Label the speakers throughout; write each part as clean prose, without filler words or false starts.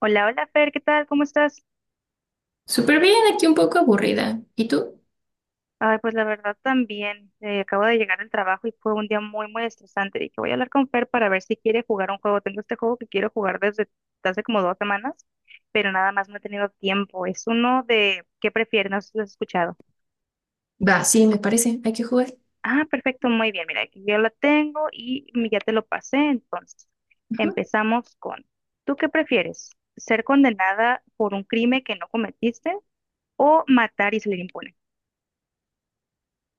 Speaker 1: Hola, hola Fer, ¿qué tal? ¿Cómo estás?
Speaker 2: Súper bien, aquí un poco aburrida. ¿Y tú?
Speaker 1: Ay, pues la verdad también, acabo de llegar del trabajo y fue un día muy, muy estresante. Dije, voy a hablar con Fer para ver si quiere jugar un juego. Tengo este juego que quiero jugar desde hace como 2 semanas, pero nada más no he tenido tiempo. Es uno de ¿qué prefieres? No sé si lo has escuchado.
Speaker 2: Va, sí, me parece. Hay que jugar.
Speaker 1: Ah, perfecto, muy bien. Mira, aquí yo lo tengo y ya te lo pasé. Entonces,
Speaker 2: Ujú.
Speaker 1: empezamos con, ¿tú qué prefieres? ¿Ser condenada por un crimen que no cometiste o matar y salir impune?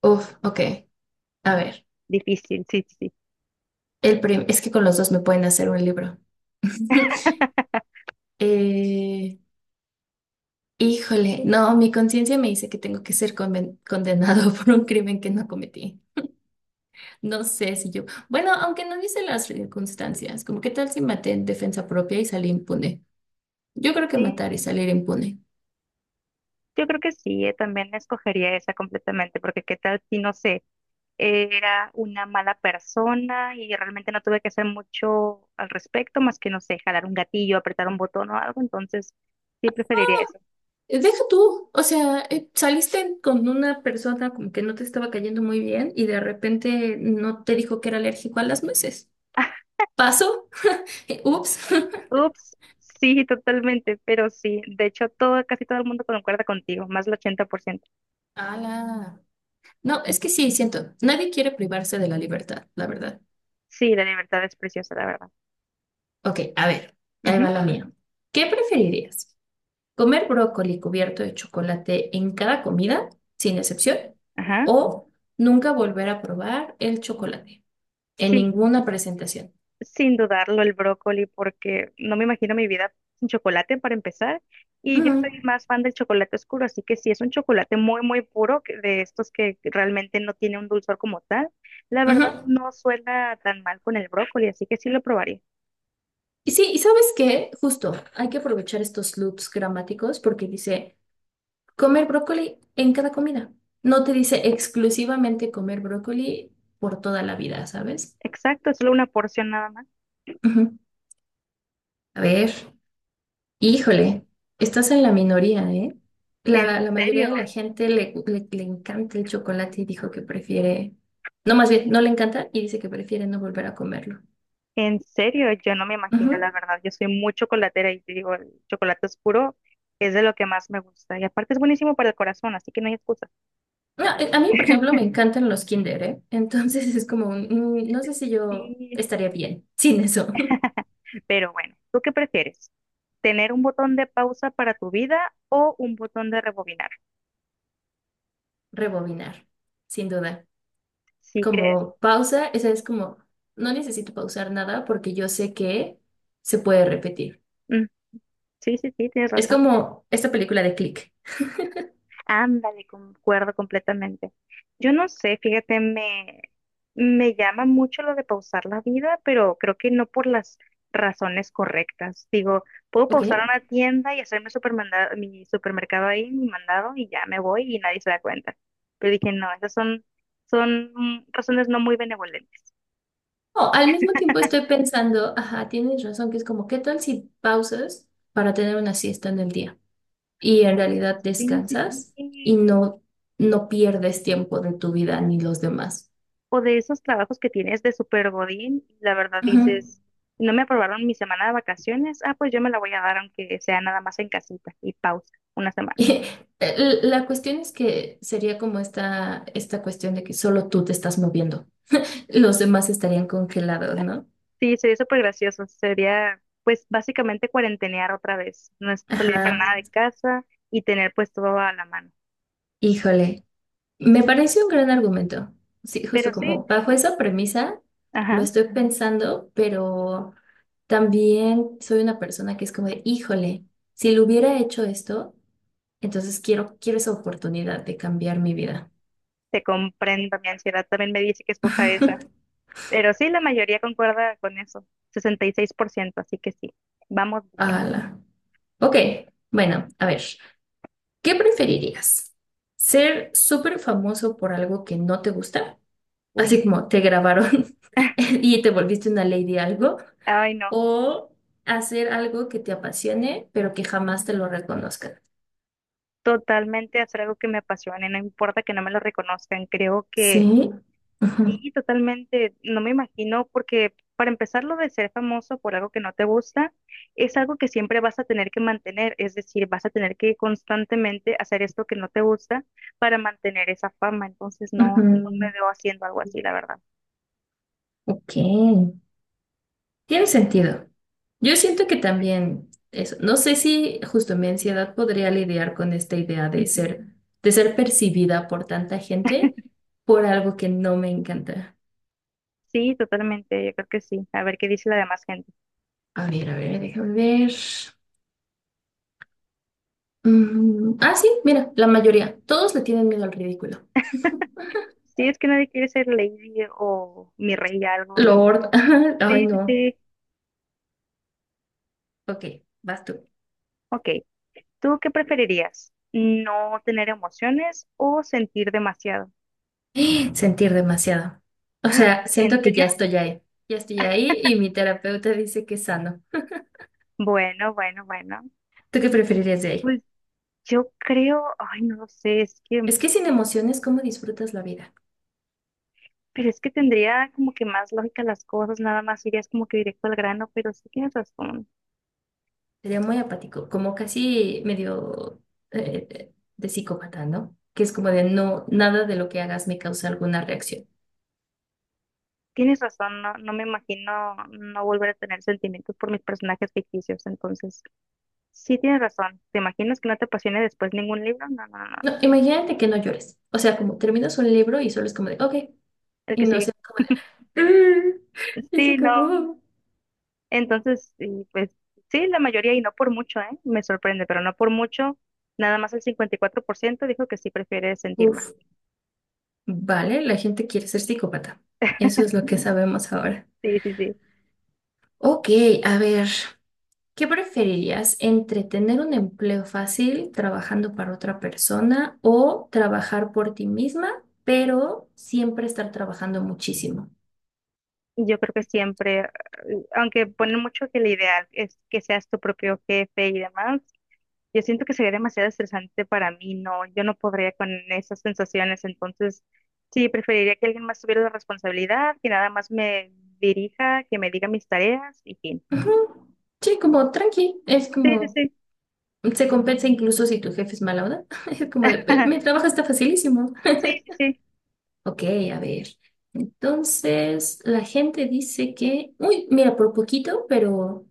Speaker 2: Uf, ok. A ver.
Speaker 1: Difícil, sí, sí.
Speaker 2: Es que con los dos me pueden hacer un libro. Eh, híjole, no, mi conciencia me dice que tengo que ser condenado por un crimen que no cometí. No sé si yo. Bueno, aunque no dice las circunstancias, como qué tal si maté en defensa propia y salí impune. Yo creo que
Speaker 1: Sí.
Speaker 2: matar y salir impune.
Speaker 1: Yo creo que sí, también escogería esa completamente, porque qué tal si, no sé, era una mala persona y realmente no tuve que hacer mucho al respecto, más que, no sé, jalar un gatillo, apretar un botón o algo, entonces sí preferiría eso.
Speaker 2: Deja tú, o sea, saliste con una persona como que no te estaba cayendo muy bien y de repente no te dijo que era alérgico a las nueces. ¿Pasó? Ups.
Speaker 1: Ups, sí, totalmente, pero sí, de hecho todo, casi todo el mundo concuerda contigo, más del 80%.
Speaker 2: Ala. No, es que sí, siento, nadie quiere privarse de la libertad, la verdad.
Speaker 1: Sí, la libertad es preciosa, la verdad.
Speaker 2: Ok, a ver, ahí
Speaker 1: Ujú.
Speaker 2: va la mía. ¿Qué preferirías? ¿Comer brócoli cubierto de chocolate en cada comida, sin excepción?
Speaker 1: Ajá,
Speaker 2: ¿O nunca volver a probar el chocolate en
Speaker 1: sí.
Speaker 2: ninguna presentación?
Speaker 1: Sin dudarlo, el brócoli, porque no me imagino mi vida sin chocolate para empezar. Y yo soy
Speaker 2: Ujú,
Speaker 1: más fan del chocolate oscuro, así que si es un chocolate muy, muy puro, de estos que realmente no tiene un dulzor como tal, la
Speaker 2: ujú.
Speaker 1: verdad no suena tan mal con el brócoli, así que sí lo probaría.
Speaker 2: Y sí, ¿y sabes qué? Justo, hay que aprovechar estos loops gramáticos porque dice comer brócoli en cada comida. No te dice exclusivamente comer brócoli por toda la vida, ¿sabes?
Speaker 1: Exacto, es solo una porción nada más.
Speaker 2: Ujú. A ver, híjole, estás en la minoría, ¿eh?
Speaker 1: En
Speaker 2: La mayoría
Speaker 1: serio,
Speaker 2: de la gente le encanta el chocolate y dijo que prefiere, no más bien, no le encanta y dice que prefiere no volver a comerlo.
Speaker 1: en serio, yo no me imagino, la
Speaker 2: Ujú.
Speaker 1: verdad. Yo soy muy chocolatera y te digo, el chocolate oscuro es de lo que más me gusta. Y aparte es buenísimo para el corazón, así que no hay excusa.
Speaker 2: No, a mí, por ejemplo, me encantan los Kinder, ¿eh? Entonces es como, un, no sé si yo
Speaker 1: Sí.
Speaker 2: estaría bien sin eso.
Speaker 1: Pero bueno, ¿tú qué prefieres? Tener un botón de pausa para tu vida o un botón de rebobinar.
Speaker 2: Rebobinar, sin duda.
Speaker 1: ¿Sí crees?
Speaker 2: Como pausa, esa es como, no necesito pausar nada porque yo sé que se puede repetir.
Speaker 1: Mm, sí, sí, sí, tienes
Speaker 2: Es
Speaker 1: razón.
Speaker 2: como esta película de Click,
Speaker 1: Ándale, concuerdo completamente. Yo no sé, fíjate, me llama mucho lo de pausar la vida, pero creo que no por las razones correctas. Digo, puedo
Speaker 2: ¿ok?
Speaker 1: pausar una tienda y hacerme mi supermercado ahí, mi mandado, y ya me voy y nadie se da cuenta. Pero dije, no, esas son, son razones no muy benevolentes.
Speaker 2: O al mismo tiempo estoy pensando, ajá, tienes razón, que es como, ¿qué tal si pausas para tener una siesta en el día? Y en realidad
Speaker 1: Sí, sí,
Speaker 2: descansas y
Speaker 1: sí.
Speaker 2: no, no pierdes tiempo de tu vida ni los demás.
Speaker 1: O de esos trabajos que tienes de super godín, y la verdad
Speaker 2: Ajá.
Speaker 1: dices, no me aprobaron mi semana de vacaciones, ah, pues yo me la voy a dar aunque sea nada más en casita y pausa, una semana.
Speaker 2: La cuestión es que sería como esta cuestión de que solo tú te estás moviendo. Los demás estarían congelados, ¿no?
Speaker 1: Sí, sería súper gracioso, sería pues básicamente cuarentenear otra vez, no salir para
Speaker 2: Ajá.
Speaker 1: nada de casa y tener pues todo a la mano.
Speaker 2: Híjole. Me parece un gran argumento. Sí,
Speaker 1: Pero
Speaker 2: justo
Speaker 1: sí,
Speaker 2: como bajo esa premisa lo
Speaker 1: ajá,
Speaker 2: estoy pensando, pero también soy una persona que es como de, híjole, si lo hubiera hecho esto, entonces quiero esa oportunidad de cambiar mi vida.
Speaker 1: te comprendo, mi ansiedad también me dice que escoja esa, pero sí, la mayoría concuerda con eso, 66%, así que sí, vamos bien.
Speaker 2: Ala. Ok, bueno, a ver. ¿Qué preferirías? ¿Ser súper famoso por algo que no te gusta?
Speaker 1: Uy.
Speaker 2: Así como te grabaron y te volviste una ley de algo.
Speaker 1: Ay, no.
Speaker 2: ¿O hacer algo que te apasione, pero que jamás te lo reconozcan?
Speaker 1: Totalmente hacer algo que me apasione, no importa que no me lo reconozcan, creo que
Speaker 2: Sí. Ujú,
Speaker 1: sí, totalmente, no me imagino, porque para empezar lo de ser famoso por algo que no te gusta, es algo que siempre vas a tener que mantener, es decir, vas a tener que constantemente hacer esto que no te gusta para mantener esa fama, entonces no, no
Speaker 2: ujú.
Speaker 1: me veo haciendo algo así, la verdad.
Speaker 2: Ok. Tiene sentido. Yo siento que también eso. No sé si justo mi ansiedad podría lidiar con esta idea
Speaker 1: Ujú.
Speaker 2: de ser percibida por tanta gente por algo que no me encanta.
Speaker 1: Sí, totalmente, yo creo que sí, a ver qué dice la demás gente.
Speaker 2: A ver, déjame ver. Mm, ah, sí, mira, la mayoría. Todos le tienen miedo al ridículo.
Speaker 1: Sí, es que nadie quiere ser lady o mi rey algo, no.
Speaker 2: Lord. Ay,
Speaker 1: Sí, sí,
Speaker 2: no.
Speaker 1: sí.
Speaker 2: Ok, vas tú.
Speaker 1: Ok. ¿Tú qué preferirías? ¿No tener emociones o sentir demasiado?
Speaker 2: Sentir demasiado. O
Speaker 1: ¡Ah!
Speaker 2: sea,
Speaker 1: ¿En
Speaker 2: siento que
Speaker 1: serio?
Speaker 2: ya estoy ahí. Ya estoy ahí y mi terapeuta dice que es sano.
Speaker 1: Bueno, bueno, bueno.
Speaker 2: ¿Tú qué preferirías de ahí?
Speaker 1: Pues yo creo, ay, no lo sé, es que,
Speaker 2: Es que sin emociones, ¿cómo disfrutas la vida?
Speaker 1: pero es que tendría como que más lógica las cosas, nada más irías como que directo al grano, pero sí
Speaker 2: Sería muy apático, como casi medio de psicópata, ¿no? Que es como de no, nada de lo que hagas me causa alguna reacción.
Speaker 1: tienes razón, no, no me imagino no volver a tener sentimientos por mis personajes ficticios, entonces sí tienes razón, ¿te imaginas que no te apasione después ningún libro? No, no, no,
Speaker 2: No,
Speaker 1: no,
Speaker 2: imagínate que no llores. O sea, como terminas un libro y solo es como de, ok,
Speaker 1: el
Speaker 2: y
Speaker 1: que
Speaker 2: no
Speaker 1: sigue.
Speaker 2: se como de, "Mm, y se
Speaker 1: Sí, no,
Speaker 2: acabó.
Speaker 1: entonces, y pues sí, la mayoría y no por mucho, ¿eh? Me sorprende, pero no por mucho. Nada más el 54% dijo que sí prefiere sentir más.
Speaker 2: Uf, vale, la gente quiere ser psicópata. Eso es lo que sabemos ahora.
Speaker 1: Sí, sí, sí.
Speaker 2: Ok, a ver, ¿qué preferirías entre tener un empleo fácil trabajando para otra persona o trabajar por ti misma, pero siempre estar trabajando muchísimo?
Speaker 1: Y yo creo que siempre, aunque ponen mucho que el ideal es que seas tu propio jefe y demás, yo siento que sería demasiado estresante para mí, no, yo no podría con esas sensaciones, entonces sí, preferiría que alguien más tuviera la responsabilidad, que nada más me dirija, que me diga mis tareas y fin.
Speaker 2: Ujú. Sí, como tranqui, es
Speaker 1: Sí, sí,
Speaker 2: como
Speaker 1: sí.
Speaker 2: se compensa incluso si tu jefe es mala onda. Es como de, "Pero mi trabajo está facilísimo."
Speaker 1: Sí, sí, sí.
Speaker 2: Ok, a ver. Entonces, la gente dice que, uy, mira, por poquito,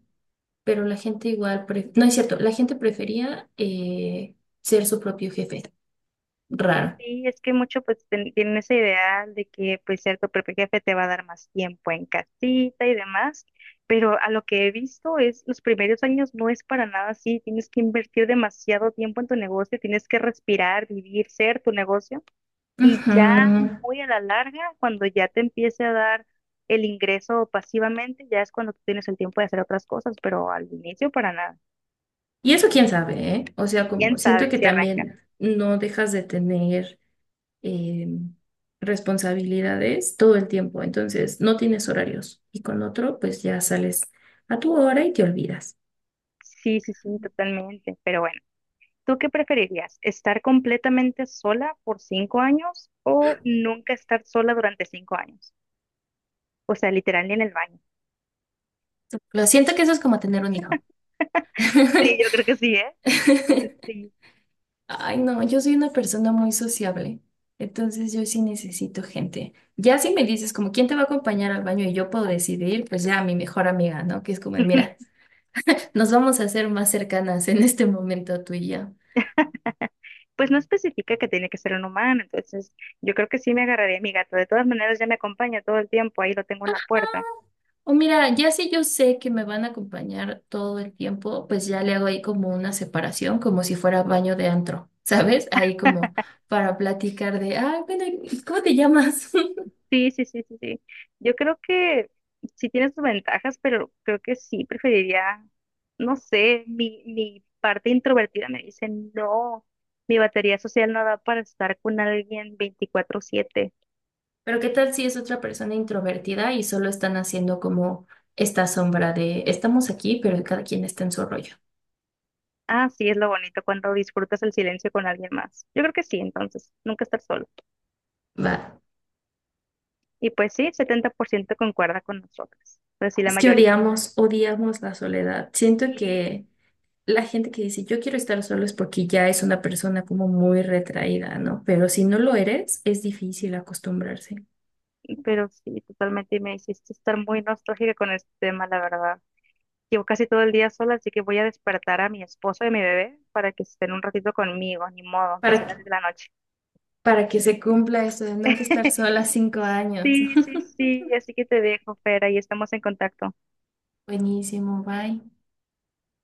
Speaker 2: pero la gente igual, no es cierto, la gente prefería ser su propio jefe. Raro.
Speaker 1: Sí, es que mucho pues tienen ese ideal de que pues cierto propio jefe te va a dar más tiempo en casita y demás, pero a lo que he visto es los primeros años no es para nada así, tienes que invertir demasiado tiempo en tu negocio, tienes que respirar, vivir, ser tu negocio y ya
Speaker 2: Ujú.
Speaker 1: muy a la larga, cuando ya te empiece a dar el ingreso pasivamente, ya es cuando tú tienes el tiempo de hacer otras cosas, pero al inicio para nada.
Speaker 2: Y eso quién sabe, ¿eh? O sea,
Speaker 1: Y quién
Speaker 2: como siento
Speaker 1: sabe
Speaker 2: que
Speaker 1: si arranca.
Speaker 2: también no dejas de tener eh, responsabilidades todo el tiempo. Entonces, no tienes horarios. Y con otro, pues ya sales a tu hora y te olvidas.
Speaker 1: Sí, sí, sí, totalmente, pero bueno. ¿Tú qué preferirías? ¿Estar completamente sola por 5 años o nunca estar sola durante 5 años? O sea, literal ni en el baño.
Speaker 2: Lo siento que eso es como tener un hijo.
Speaker 1: Sí, yo creo que sí, ¿eh? Sí.
Speaker 2: Ay, no, yo soy una persona muy sociable, entonces yo sí necesito gente. Ya si me dices como quién te va a acompañar al baño y yo puedo decidir, pues ya mi mejor amiga, ¿no? Que es como, de, mira, nos vamos a hacer más cercanas en este momento tú y yo.
Speaker 1: Pues no especifica que tiene que ser un humano, entonces yo creo que sí me agarraría a mi gato. De todas maneras, ya me acompaña todo el tiempo, ahí lo tengo en la puerta.
Speaker 2: O mira, ya si yo sé que me van a acompañar todo el tiempo, pues ya le hago ahí como una separación, como si fuera baño de antro, ¿sabes? Ahí como para platicar de, ah, bueno, ¿y cómo te llamas?
Speaker 1: Sí, sí, sí, sí, sí. Yo creo que sí tiene sus ventajas, pero creo que sí preferiría, no sé, mi parte introvertida me dice, no, mi batería social no da para estar con alguien 24/7.
Speaker 2: Pero ¿qué tal si es otra persona introvertida y solo están haciendo como esta sombra de, estamos aquí, pero cada quien está en su rollo?
Speaker 1: Ah, sí, es lo bonito cuando disfrutas el silencio con alguien más. Yo creo que sí, entonces, nunca estar solo.
Speaker 2: Va.
Speaker 1: Y pues sí, 70% concuerda con nosotros, pues sí, la
Speaker 2: Es que
Speaker 1: mayoría.
Speaker 2: odiamos, odiamos la soledad. Siento
Speaker 1: Sí,
Speaker 2: que la gente que dice yo quiero estar solo es porque ya es una persona como muy retraída, ¿no? Pero si no lo eres, es difícil acostumbrarse.
Speaker 1: pero sí, totalmente, y me hiciste estar muy nostálgica con este tema, la verdad. Llevo casi todo el día sola, así que voy a despertar a mi esposo y a mi bebé para que estén un ratito conmigo, ni modo, aunque
Speaker 2: Para
Speaker 1: sea
Speaker 2: que,
Speaker 1: las 10 de la noche.
Speaker 2: para que se cumpla esto de nunca estar sola 5 años.
Speaker 1: Sí, sí, sí, así que te dejo, Fera, y estamos en contacto.
Speaker 2: Buenísimo, bye.